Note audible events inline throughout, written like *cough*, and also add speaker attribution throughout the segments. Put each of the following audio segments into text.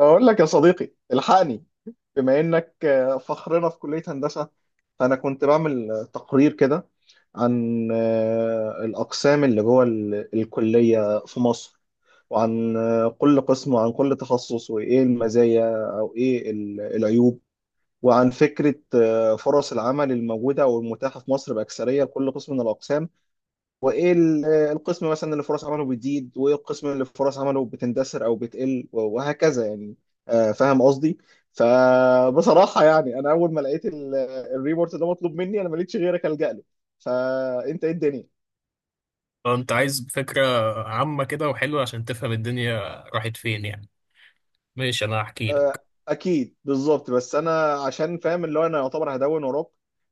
Speaker 1: أقول لك يا صديقي الحقني. بما إنك فخرنا في كلية هندسة، فأنا كنت بعمل تقرير كده عن الأقسام اللي جوه الكلية في مصر، وعن كل قسم وعن كل تخصص وإيه المزايا أو إيه العيوب، وعن فكرة فرص العمل الموجودة أو المتاحة في مصر بأكثرية لكل قسم من الأقسام، وايه القسم مثلا اللي فرص عمله بتزيد وايه القسم اللي فرص عمله بتندثر او بتقل وهكذا يعني. فاهم قصدي؟ فبصراحة يعني انا اول ما لقيت الريبورت ده مطلوب مني، انا ما لقيتش غيرك الجأ له، فانت ايه الدنيا؟
Speaker 2: اه، انت عايز فكرة عامة كده وحلوة عشان تفهم الدنيا راحت فين، يعني. ماشي، انا هحكي لك.
Speaker 1: اكيد بالظبط، بس انا عشان فاهم اللي هو انا يعتبر هدون وراك،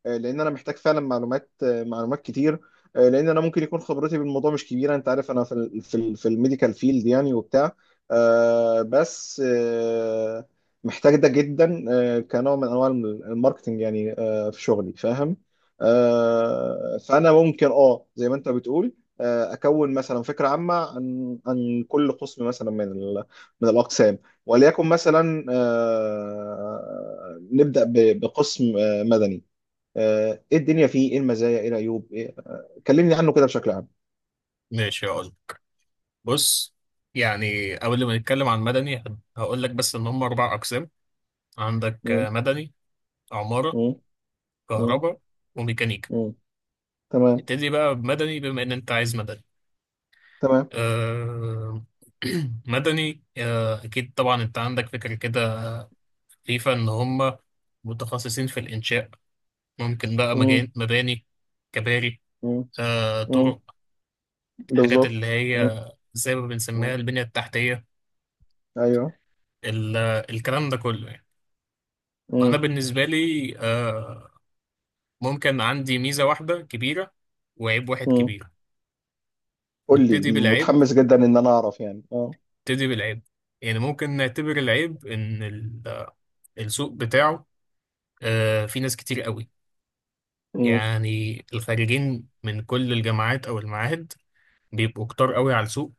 Speaker 1: لان انا محتاج فعلا معلومات، معلومات كتير، لان انا ممكن يكون خبرتي بالموضوع مش كبيره، انت عارف انا في الميديكال فيلد يعني وبتاع، بس محتاج ده جدا، كنوع من انواع الماركتنج يعني، في شغلي فاهم. فانا ممكن زي ما انت بتقول، اكون مثلا فكره عامه عن كل قسم مثلا من الاقسام. وليكن مثلا نبدأ بقسم مدني. ايه الدنيا فيه، ايه المزايا، ايه العيوب، إيه؟ كلمني عنه كده بشكل عام.
Speaker 2: ماشي، هقول. بص، يعني قبل ما نتكلم عن مدني هقول لك بس ان هم 4 اقسام. عندك
Speaker 1: مم.
Speaker 2: مدني، عمارة،
Speaker 1: مم. مم.
Speaker 2: كهرباء وميكانيكا.
Speaker 1: مم. تمام.
Speaker 2: نبتدي بقى بمدني بما ان انت عايز مدني.
Speaker 1: تمام.
Speaker 2: أه... *clears throat* مدني، اكيد طبعا انت عندك فكرة كده خفيفة ان هم متخصصين في الانشاء. ممكن بقى
Speaker 1: مم.
Speaker 2: مباني، كباري،
Speaker 1: مم. مم.
Speaker 2: طرق، الحاجات
Speaker 1: بالظبط.
Speaker 2: اللي هي
Speaker 1: مم.
Speaker 2: زي ما بنسميها
Speaker 1: مم.
Speaker 2: البنية التحتية.
Speaker 1: ايوه.
Speaker 2: ال- الكلام ده كله، يعني. وأنا
Speaker 1: مم.
Speaker 2: بالنسبة لي ممكن عندي ميزة واحدة كبيرة وعيب واحد
Speaker 1: مم.
Speaker 2: كبير.
Speaker 1: قول لي،
Speaker 2: نبتدي بالعيب
Speaker 1: متحمس جدا ان انا اعرف يعني.
Speaker 2: نبتدي بالعيب. يعني ممكن نعتبر العيب إن السوق بتاعه، في ناس كتير قوي.
Speaker 1: اه،
Speaker 2: يعني الخارجين من كل الجامعات أو المعاهد بيبقوا كتار قوي على السوق،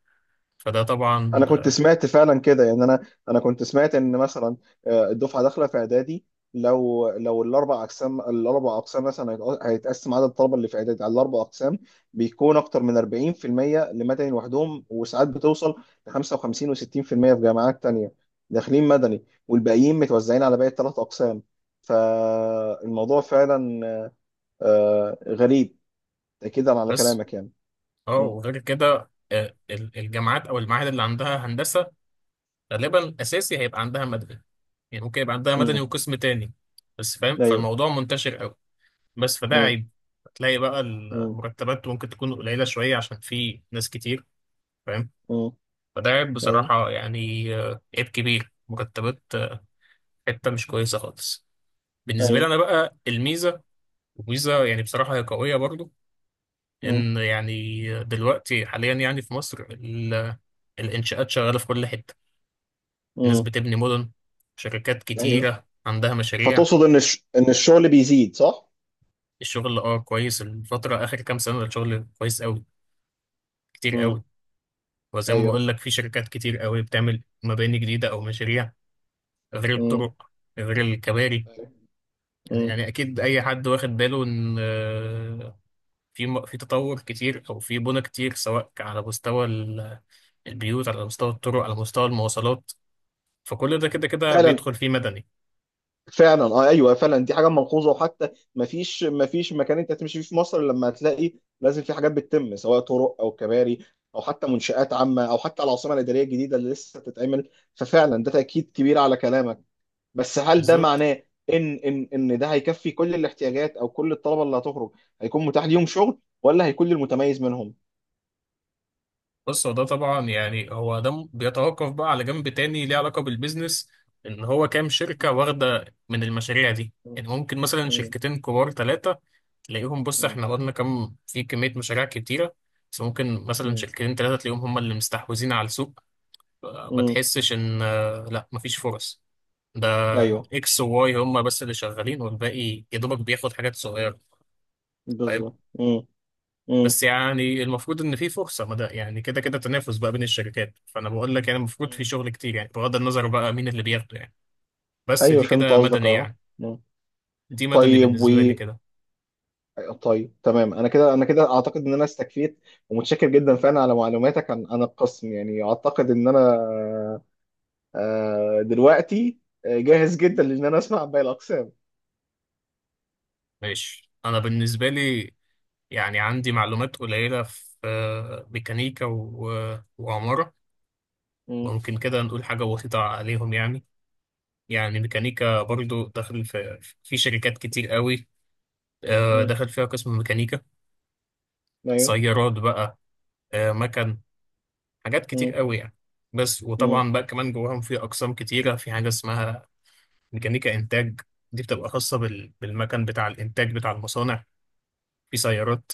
Speaker 2: فده طبعا
Speaker 1: انا كنت
Speaker 2: آه،
Speaker 1: سمعت فعلا كده يعني، انا كنت سمعت ان مثلا الدفعه داخله في اعدادي، لو الاربع اقسام الاربع اقسام مثلا هيتقسم عدد الطلبه اللي في اعدادي على الاربع اقسام، بيكون اكتر من 40% لمدني لوحدهم، وساعات بتوصل ل 55 و60% في جامعات تانية، داخلين مدني والباقيين متوزعين على باقي الثلاث اقسام. فالموضوع فعلا غريب، اكيد على
Speaker 2: بس
Speaker 1: كلامك يعني.
Speaker 2: اه
Speaker 1: امم.
Speaker 2: وغير كده الجامعات أو المعاهد اللي عندها هندسة غالبا اساسي هيبقى عندها مدني. يعني ممكن يبقى عندها مدني
Speaker 1: امم.
Speaker 2: وقسم تاني، بس فاهم،
Speaker 1: ايوه.
Speaker 2: فالموضوع منتشر قوي. بس فده
Speaker 1: امم.
Speaker 2: عيب. هتلاقي بقى
Speaker 1: امم.
Speaker 2: المرتبات ممكن تكون قليلة شوية عشان في ناس كتير، فاهم، فده عيب
Speaker 1: ايوه.
Speaker 2: بصراحة، يعني عيب كبير مرتبات، حتة مش كويسة خالص. بالنسبة لي
Speaker 1: ايوه.
Speaker 2: أنا بقى الميزة، وميزة يعني بصراحة هي قوية برضو.
Speaker 1: مم.
Speaker 2: إن يعني دلوقتي حاليا يعني في مصر الإنشاءات شغالة في كل حتة. الناس
Speaker 1: مم.
Speaker 2: بتبني مدن، شركات
Speaker 1: ايوه.
Speaker 2: كتيرة عندها مشاريع.
Speaker 1: فتقصد ان ان الشغل بيزيد، صح؟
Speaker 2: الشغل كويس. الفترة آخر كام سنة الشغل كويس أوي، كتير
Speaker 1: مم.
Speaker 2: أوي. وزي ما
Speaker 1: ايوه.
Speaker 2: بقول لك في شركات كتير أوي بتعمل مباني جديدة أو مشاريع، غير
Speaker 1: مم.
Speaker 2: الطرق، غير الكباري.
Speaker 1: أيوة. مم.
Speaker 2: يعني أكيد أي حد واخد باله إن في في تطور كتير أو في بنى كتير، سواء على مستوى البيوت، على مستوى الطرق، على مستوى المواصلات. فكل ده كده كده
Speaker 1: فعلا،
Speaker 2: بيدخل فيه مدني.
Speaker 1: فعلا، اه، ايوه، فعلا دي حاجه ملحوظه، وحتى ما فيش، ما فيش مكان انت تمشي فيه في مصر إلا لما هتلاقي لازم في حاجات بتتم، سواء طرق او كباري او حتى منشآت عامه او حتى العاصمه الاداريه الجديده اللي لسه بتتعمل، ففعلا ده تاكيد كبير على كلامك. بس هل ده
Speaker 2: بالظبط.
Speaker 1: معناه ان ده هيكفي كل الاحتياجات او كل الطلبه اللي هتخرج، هيكون متاح ليهم شغل ولا هيكون للمتميز منهم؟
Speaker 2: بص، هو ده طبعا يعني هو ده بيتوقف بقى على جنب تاني ليه علاقة بالبيزنس. ان هو كام شركة واخدة من المشاريع دي، يعني ممكن مثلا
Speaker 1: مم.
Speaker 2: شركتين كبار ثلاثة، تلاقيهم. بص
Speaker 1: مم.
Speaker 2: احنا واخدنا كام في كمية مشاريع كتيرة. بس ممكن مثلا
Speaker 1: مم.
Speaker 2: شركتين ثلاثة تلاقيهم هم اللي مستحوذين على السوق. ما
Speaker 1: مم.
Speaker 2: تحسش ان لا مفيش فرص. ده
Speaker 1: ايوه،
Speaker 2: اكس وواي هم بس اللي شغالين، والباقي يا دوبك بياخد حاجات صغيرة.
Speaker 1: بالظبط. مم. مم.
Speaker 2: بس يعني المفروض ان في فرصه ما، ده يعني كده كده تنافس بقى بين الشركات. فانا بقول لك يعني المفروض في
Speaker 1: مم.
Speaker 2: شغل كتير، يعني بغض النظر بقى مين اللي بياخده، يعني. بس
Speaker 1: ايوه
Speaker 2: دي
Speaker 1: فهمت
Speaker 2: كده
Speaker 1: قصدك،
Speaker 2: مدني،
Speaker 1: اه.
Speaker 2: يعني.
Speaker 1: مم.
Speaker 2: دي مدني
Speaker 1: طيب و
Speaker 2: بالنسبه لي كده.
Speaker 1: طيب تمام، انا كده، انا كده اعتقد ان انا استكفيت، ومتشكر جدا فعلا على معلوماتك عن القسم يعني، اعتقد ان انا دلوقتي جاهز جدا لان انا اسمع باقي الاقسام.
Speaker 2: ماشي، انا بالنسبه لي يعني عندي معلومات قليله في ميكانيكا وعماره.
Speaker 1: مم.
Speaker 2: ممكن كده نقول حاجه بسيطه عليهم، يعني. يعني ميكانيكا
Speaker 1: مم.
Speaker 2: برضو داخل في شركات كتير قوي.
Speaker 1: مم.
Speaker 2: دخل فيها قسم ميكانيكا.
Speaker 1: ايوه.
Speaker 2: سيارات بقى، مكن، حاجات كتير
Speaker 1: مم.
Speaker 2: قوي، يعني. بس
Speaker 1: مم.
Speaker 2: وطبعا بقى كمان جواهم في اقسام كتيره. في حاجه اسمها ميكانيكا انتاج. دي بتبقى خاصه بالمكن بتاع الانتاج بتاع المصانع. في سيارات،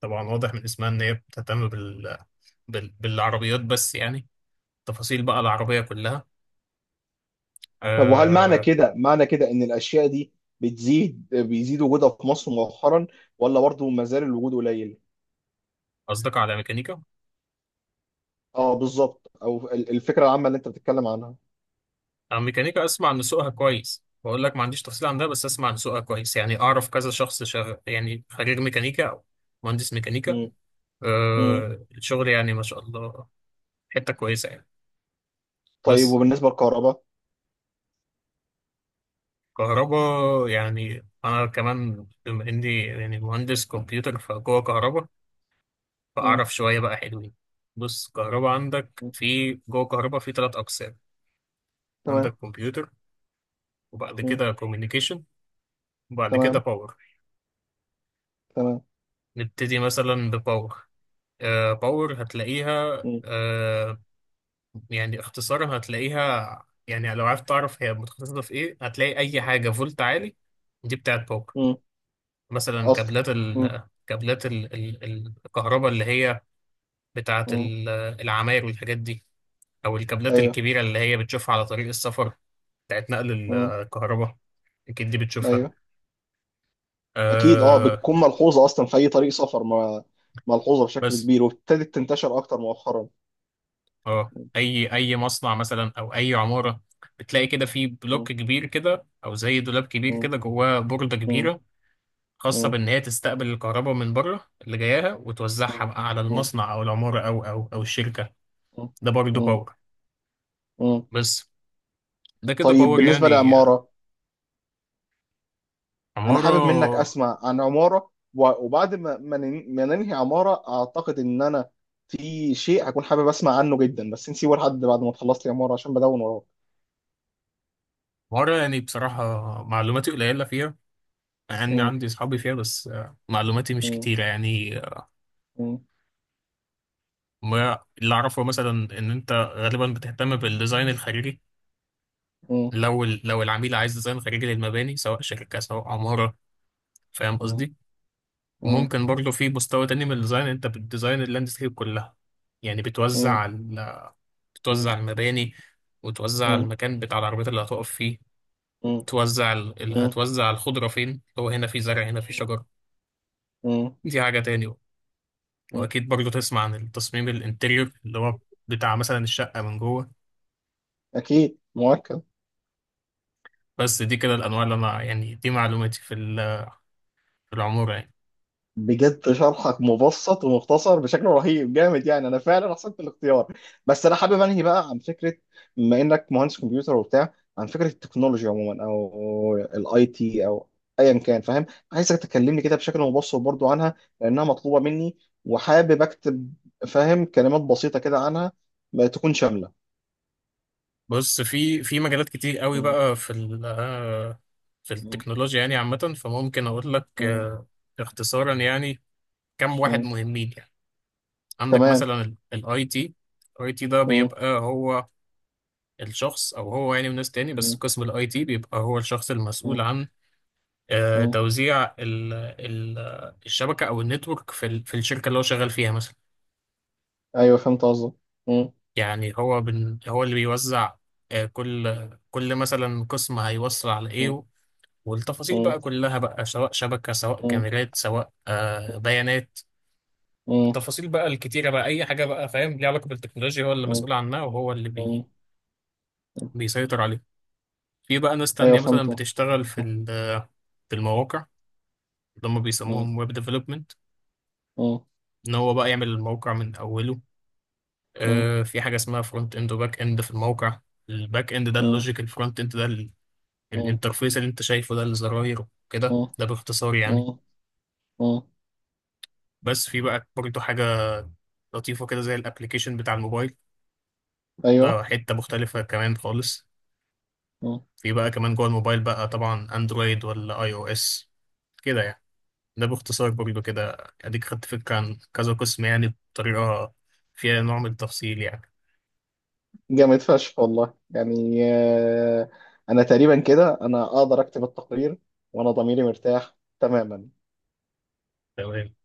Speaker 2: طبعا واضح من اسمها ان هي بتهتم بالعربيات بس، يعني تفاصيل بقى العربيه كلها
Speaker 1: طب وهل معنى
Speaker 2: آه،
Speaker 1: كده، معنى كده ان الاشياء دي بتزيد، بيزيد وجودها في مصر مؤخرا، ولا برضه ما زال الوجود قليل؟
Speaker 2: قصدك على ميكانيكا.
Speaker 1: اه بالظبط، او الفكره العامه اللي انت بتتكلم عنها.
Speaker 2: انا ميكانيكا اسمع ان سوقها كويس. بقول لك ما عنديش تفصيل عن ده، بس اسمع ان سوقها كويس. يعني اعرف كذا شخص يعني خريج ميكانيكا او مهندس ميكانيكا.
Speaker 1: مم. مم.
Speaker 2: الشغل يعني ما شاء الله، حته كويسه يعني.
Speaker 1: طيب
Speaker 2: بس
Speaker 1: وبالنسبه للكهرباء.
Speaker 2: كهرباء يعني أنا كمان بما إني يعني مهندس كمبيوتر فجوه كهرباء،
Speaker 1: مم.
Speaker 2: فأعرف شوية بقى حلوين. بص، كهرباء عندك
Speaker 1: مم.
Speaker 2: في جوه كهرباء في 3 أقسام. عندك
Speaker 1: تمام.
Speaker 2: كمبيوتر، وبعد
Speaker 1: مم.
Speaker 2: كده كوميونيكيشن، وبعد كده
Speaker 1: تمام.
Speaker 2: باور.
Speaker 1: تمام.
Speaker 2: نبتدي مثلا بباور. باور هتلاقيها
Speaker 1: مم.
Speaker 2: آه يعني اختصارا هتلاقيها، يعني لو عرفت تعرف هي متخصصة في إيه، هتلاقي أي حاجة فولت عالي دي بتاعت باور.
Speaker 1: مم.
Speaker 2: مثلا
Speaker 1: اصل.
Speaker 2: كابلات
Speaker 1: مم.
Speaker 2: ال كابلات ال ال ال- الكهرباء اللي هي بتاعة
Speaker 1: مم.
Speaker 2: العماير والحاجات دي، أو الكابلات
Speaker 1: ايوه.
Speaker 2: الكبيرة اللي هي بتشوفها على طريق السفر بتاعت نقل
Speaker 1: مم.
Speaker 2: الكهرباء، أكيد دي بتشوفها
Speaker 1: ايوه. اكيد، اه،
Speaker 2: آه
Speaker 1: بتكون ملحوظه اصلا في اي طريق سفر، ما ملحوظه بشكل
Speaker 2: بس
Speaker 1: كبير، وابتدت تنتشر اكتر مؤخرا.
Speaker 2: اه
Speaker 1: مم.
Speaker 2: أي مصنع مثلا أو أي عمارة بتلاقي كده في بلوك
Speaker 1: مم.
Speaker 2: كبير كده أو زي دولاب كبير
Speaker 1: مم.
Speaker 2: كده جواه بوردة كبيرة، خاصة
Speaker 1: مم.
Speaker 2: بإن هي تستقبل الكهرباء من بره اللي جاياها وتوزعها
Speaker 1: مم.
Speaker 2: بقى على
Speaker 1: مم.
Speaker 2: المصنع أو العمارة أو الشركة. ده برضه
Speaker 1: مم.
Speaker 2: باور.
Speaker 1: مم.
Speaker 2: بس ده كده
Speaker 1: طيب
Speaker 2: باور،
Speaker 1: بالنسبه
Speaker 2: يعني.
Speaker 1: للعماره، انا حابب منك
Speaker 2: عمارة
Speaker 1: اسمع عن عماره، وبعد ما ننهي عماره اعتقد ان انا في شيء هكون حابب اسمع عنه جدا، بس نسيبه لحد بعد ما تخلص لي عماره عشان بدون وراك.
Speaker 2: عمارة. يعني بصراحة معلوماتي قليلة فيها. يعني
Speaker 1: م-.
Speaker 2: عندي أصحابي فيها، بس معلوماتي مش
Speaker 1: م-.
Speaker 2: كتيرة يعني.
Speaker 1: م-.
Speaker 2: ما اللي أعرفه مثلا إن أنت غالبا بتهتم بالديزاين الخارجي.
Speaker 1: م-.
Speaker 2: لو العميل عايز ديزاين خارجي للمباني سواء شركة سواء عمارة، فاهم
Speaker 1: م-.
Speaker 2: قصدي.
Speaker 1: م-.
Speaker 2: وممكن برضه في مستوى تاني من الديزاين أنت بتديزاين اللاندسكيب كلها. يعني
Speaker 1: م-.
Speaker 2: بتوزع ال-
Speaker 1: م-. م-.
Speaker 2: بتوزع المباني، وتوزع
Speaker 1: م-.
Speaker 2: المكان بتاع العربيات اللي هتقف فيه. توزع ال... ال-
Speaker 1: م-.
Speaker 2: هتوزع الخضرة فين، اللي هو هنا في زرع هنا في شجر،
Speaker 1: م-.
Speaker 2: دي حاجة تاني بقى.
Speaker 1: م-.
Speaker 2: وأكيد برضو تسمع عن التصميم الانتريور اللي هو بتاع مثلا الشقة من جوه.
Speaker 1: اكيد مؤكد.
Speaker 2: بس دي كده الأنواع اللي أنا يعني دي معلوماتي في العمارة، يعني.
Speaker 1: بجد شرحك مبسط ومختصر بشكل رهيب جامد يعني، انا فعلا احسنت الاختيار. بس انا حابب انهي بقى عن فكره، بما انك مهندس كمبيوتر وبتاع، عن فكره التكنولوجيا عموما او الاي تي او ايا كان فاهم، عايزك تكلمني كده بشكل مبسط برضو عنها لانها مطلوبه مني، وحابب اكتب، فاهم، كلمات بسيطه كده عنها ما تكون شامله.
Speaker 2: بص في مجالات كتير قوي
Speaker 1: م-.
Speaker 2: بقى في ال... آه، في
Speaker 1: م-.
Speaker 2: التكنولوجيا يعني عامة، فممكن أقول لك
Speaker 1: م-.
Speaker 2: اختصارا يعني. كم واحد
Speaker 1: م.
Speaker 2: مهمين يعني. عندك
Speaker 1: تمام.
Speaker 2: مثلا الاي تي. الاي تي ده
Speaker 1: م-.
Speaker 2: بيبقى هو الشخص او هو يعني وناس تاني، بس
Speaker 1: م-.
Speaker 2: قسم الاي تي بيبقى هو الشخص
Speaker 1: م-.
Speaker 2: المسؤول عن
Speaker 1: م.
Speaker 2: توزيع ال الشبكه او النتورك في الشركه اللي هو شغال فيها مثلا.
Speaker 1: ايوه فهمت قصدك. م-.
Speaker 2: يعني هو هو اللي بيوزع، كل مثلا قسم هيوصل على
Speaker 1: م-.
Speaker 2: ايه، والتفاصيل بقى كلها بقى، سواء شبكه سواء
Speaker 1: م-.
Speaker 2: كاميرات سواء بيانات.
Speaker 1: م-.
Speaker 2: التفاصيل بقى الكتيره بقى اي حاجه بقى فاهم ليها علاقه بالتكنولوجيا هو اللي
Speaker 1: مم.
Speaker 2: مسؤول عنها، وهو اللي
Speaker 1: مم.
Speaker 2: بي
Speaker 1: مم.
Speaker 2: بيسيطر عليها. في بقى ناس
Speaker 1: ايوه
Speaker 2: تانية مثلا
Speaker 1: فهمت.
Speaker 2: بتشتغل في
Speaker 1: مم.
Speaker 2: ال- في المواقع، اللي هم
Speaker 1: مم.
Speaker 2: بيسموهم ويب ديفلوبمنت.
Speaker 1: مم.
Speaker 2: ان هو بقى يعمل الموقع من اوله.
Speaker 1: مم.
Speaker 2: في حاجه اسمها فرونت اند وباك اند في الموقع. الباك اند ده
Speaker 1: مم.
Speaker 2: اللوجيك، الفرونت اند ده
Speaker 1: مم.
Speaker 2: الانترفيس اللي انت شايفه، ده الزراير كده. ده باختصار، يعني.
Speaker 1: مم. مم.
Speaker 2: بس في بقى برضه حاجه لطيفه كده زي الابلكيشن بتاع الموبايل، ده
Speaker 1: ايوه.
Speaker 2: حته مختلفه كمان خالص.
Speaker 1: مم.
Speaker 2: في بقى كمان جوه الموبايل بقى طبعا اندرويد ولا اي او اس كده يعني. ده باختصار برضه كده اديك خدت فكره عن كذا قسم، يعني بطريقه فيها نوع من التفصيل، يعني.
Speaker 1: جامد فشخ والله يعني، انا تقريبا كده انا اقدر اكتب التقرير، وانا ضميري مرتاح تماما.
Speaker 2: تمام.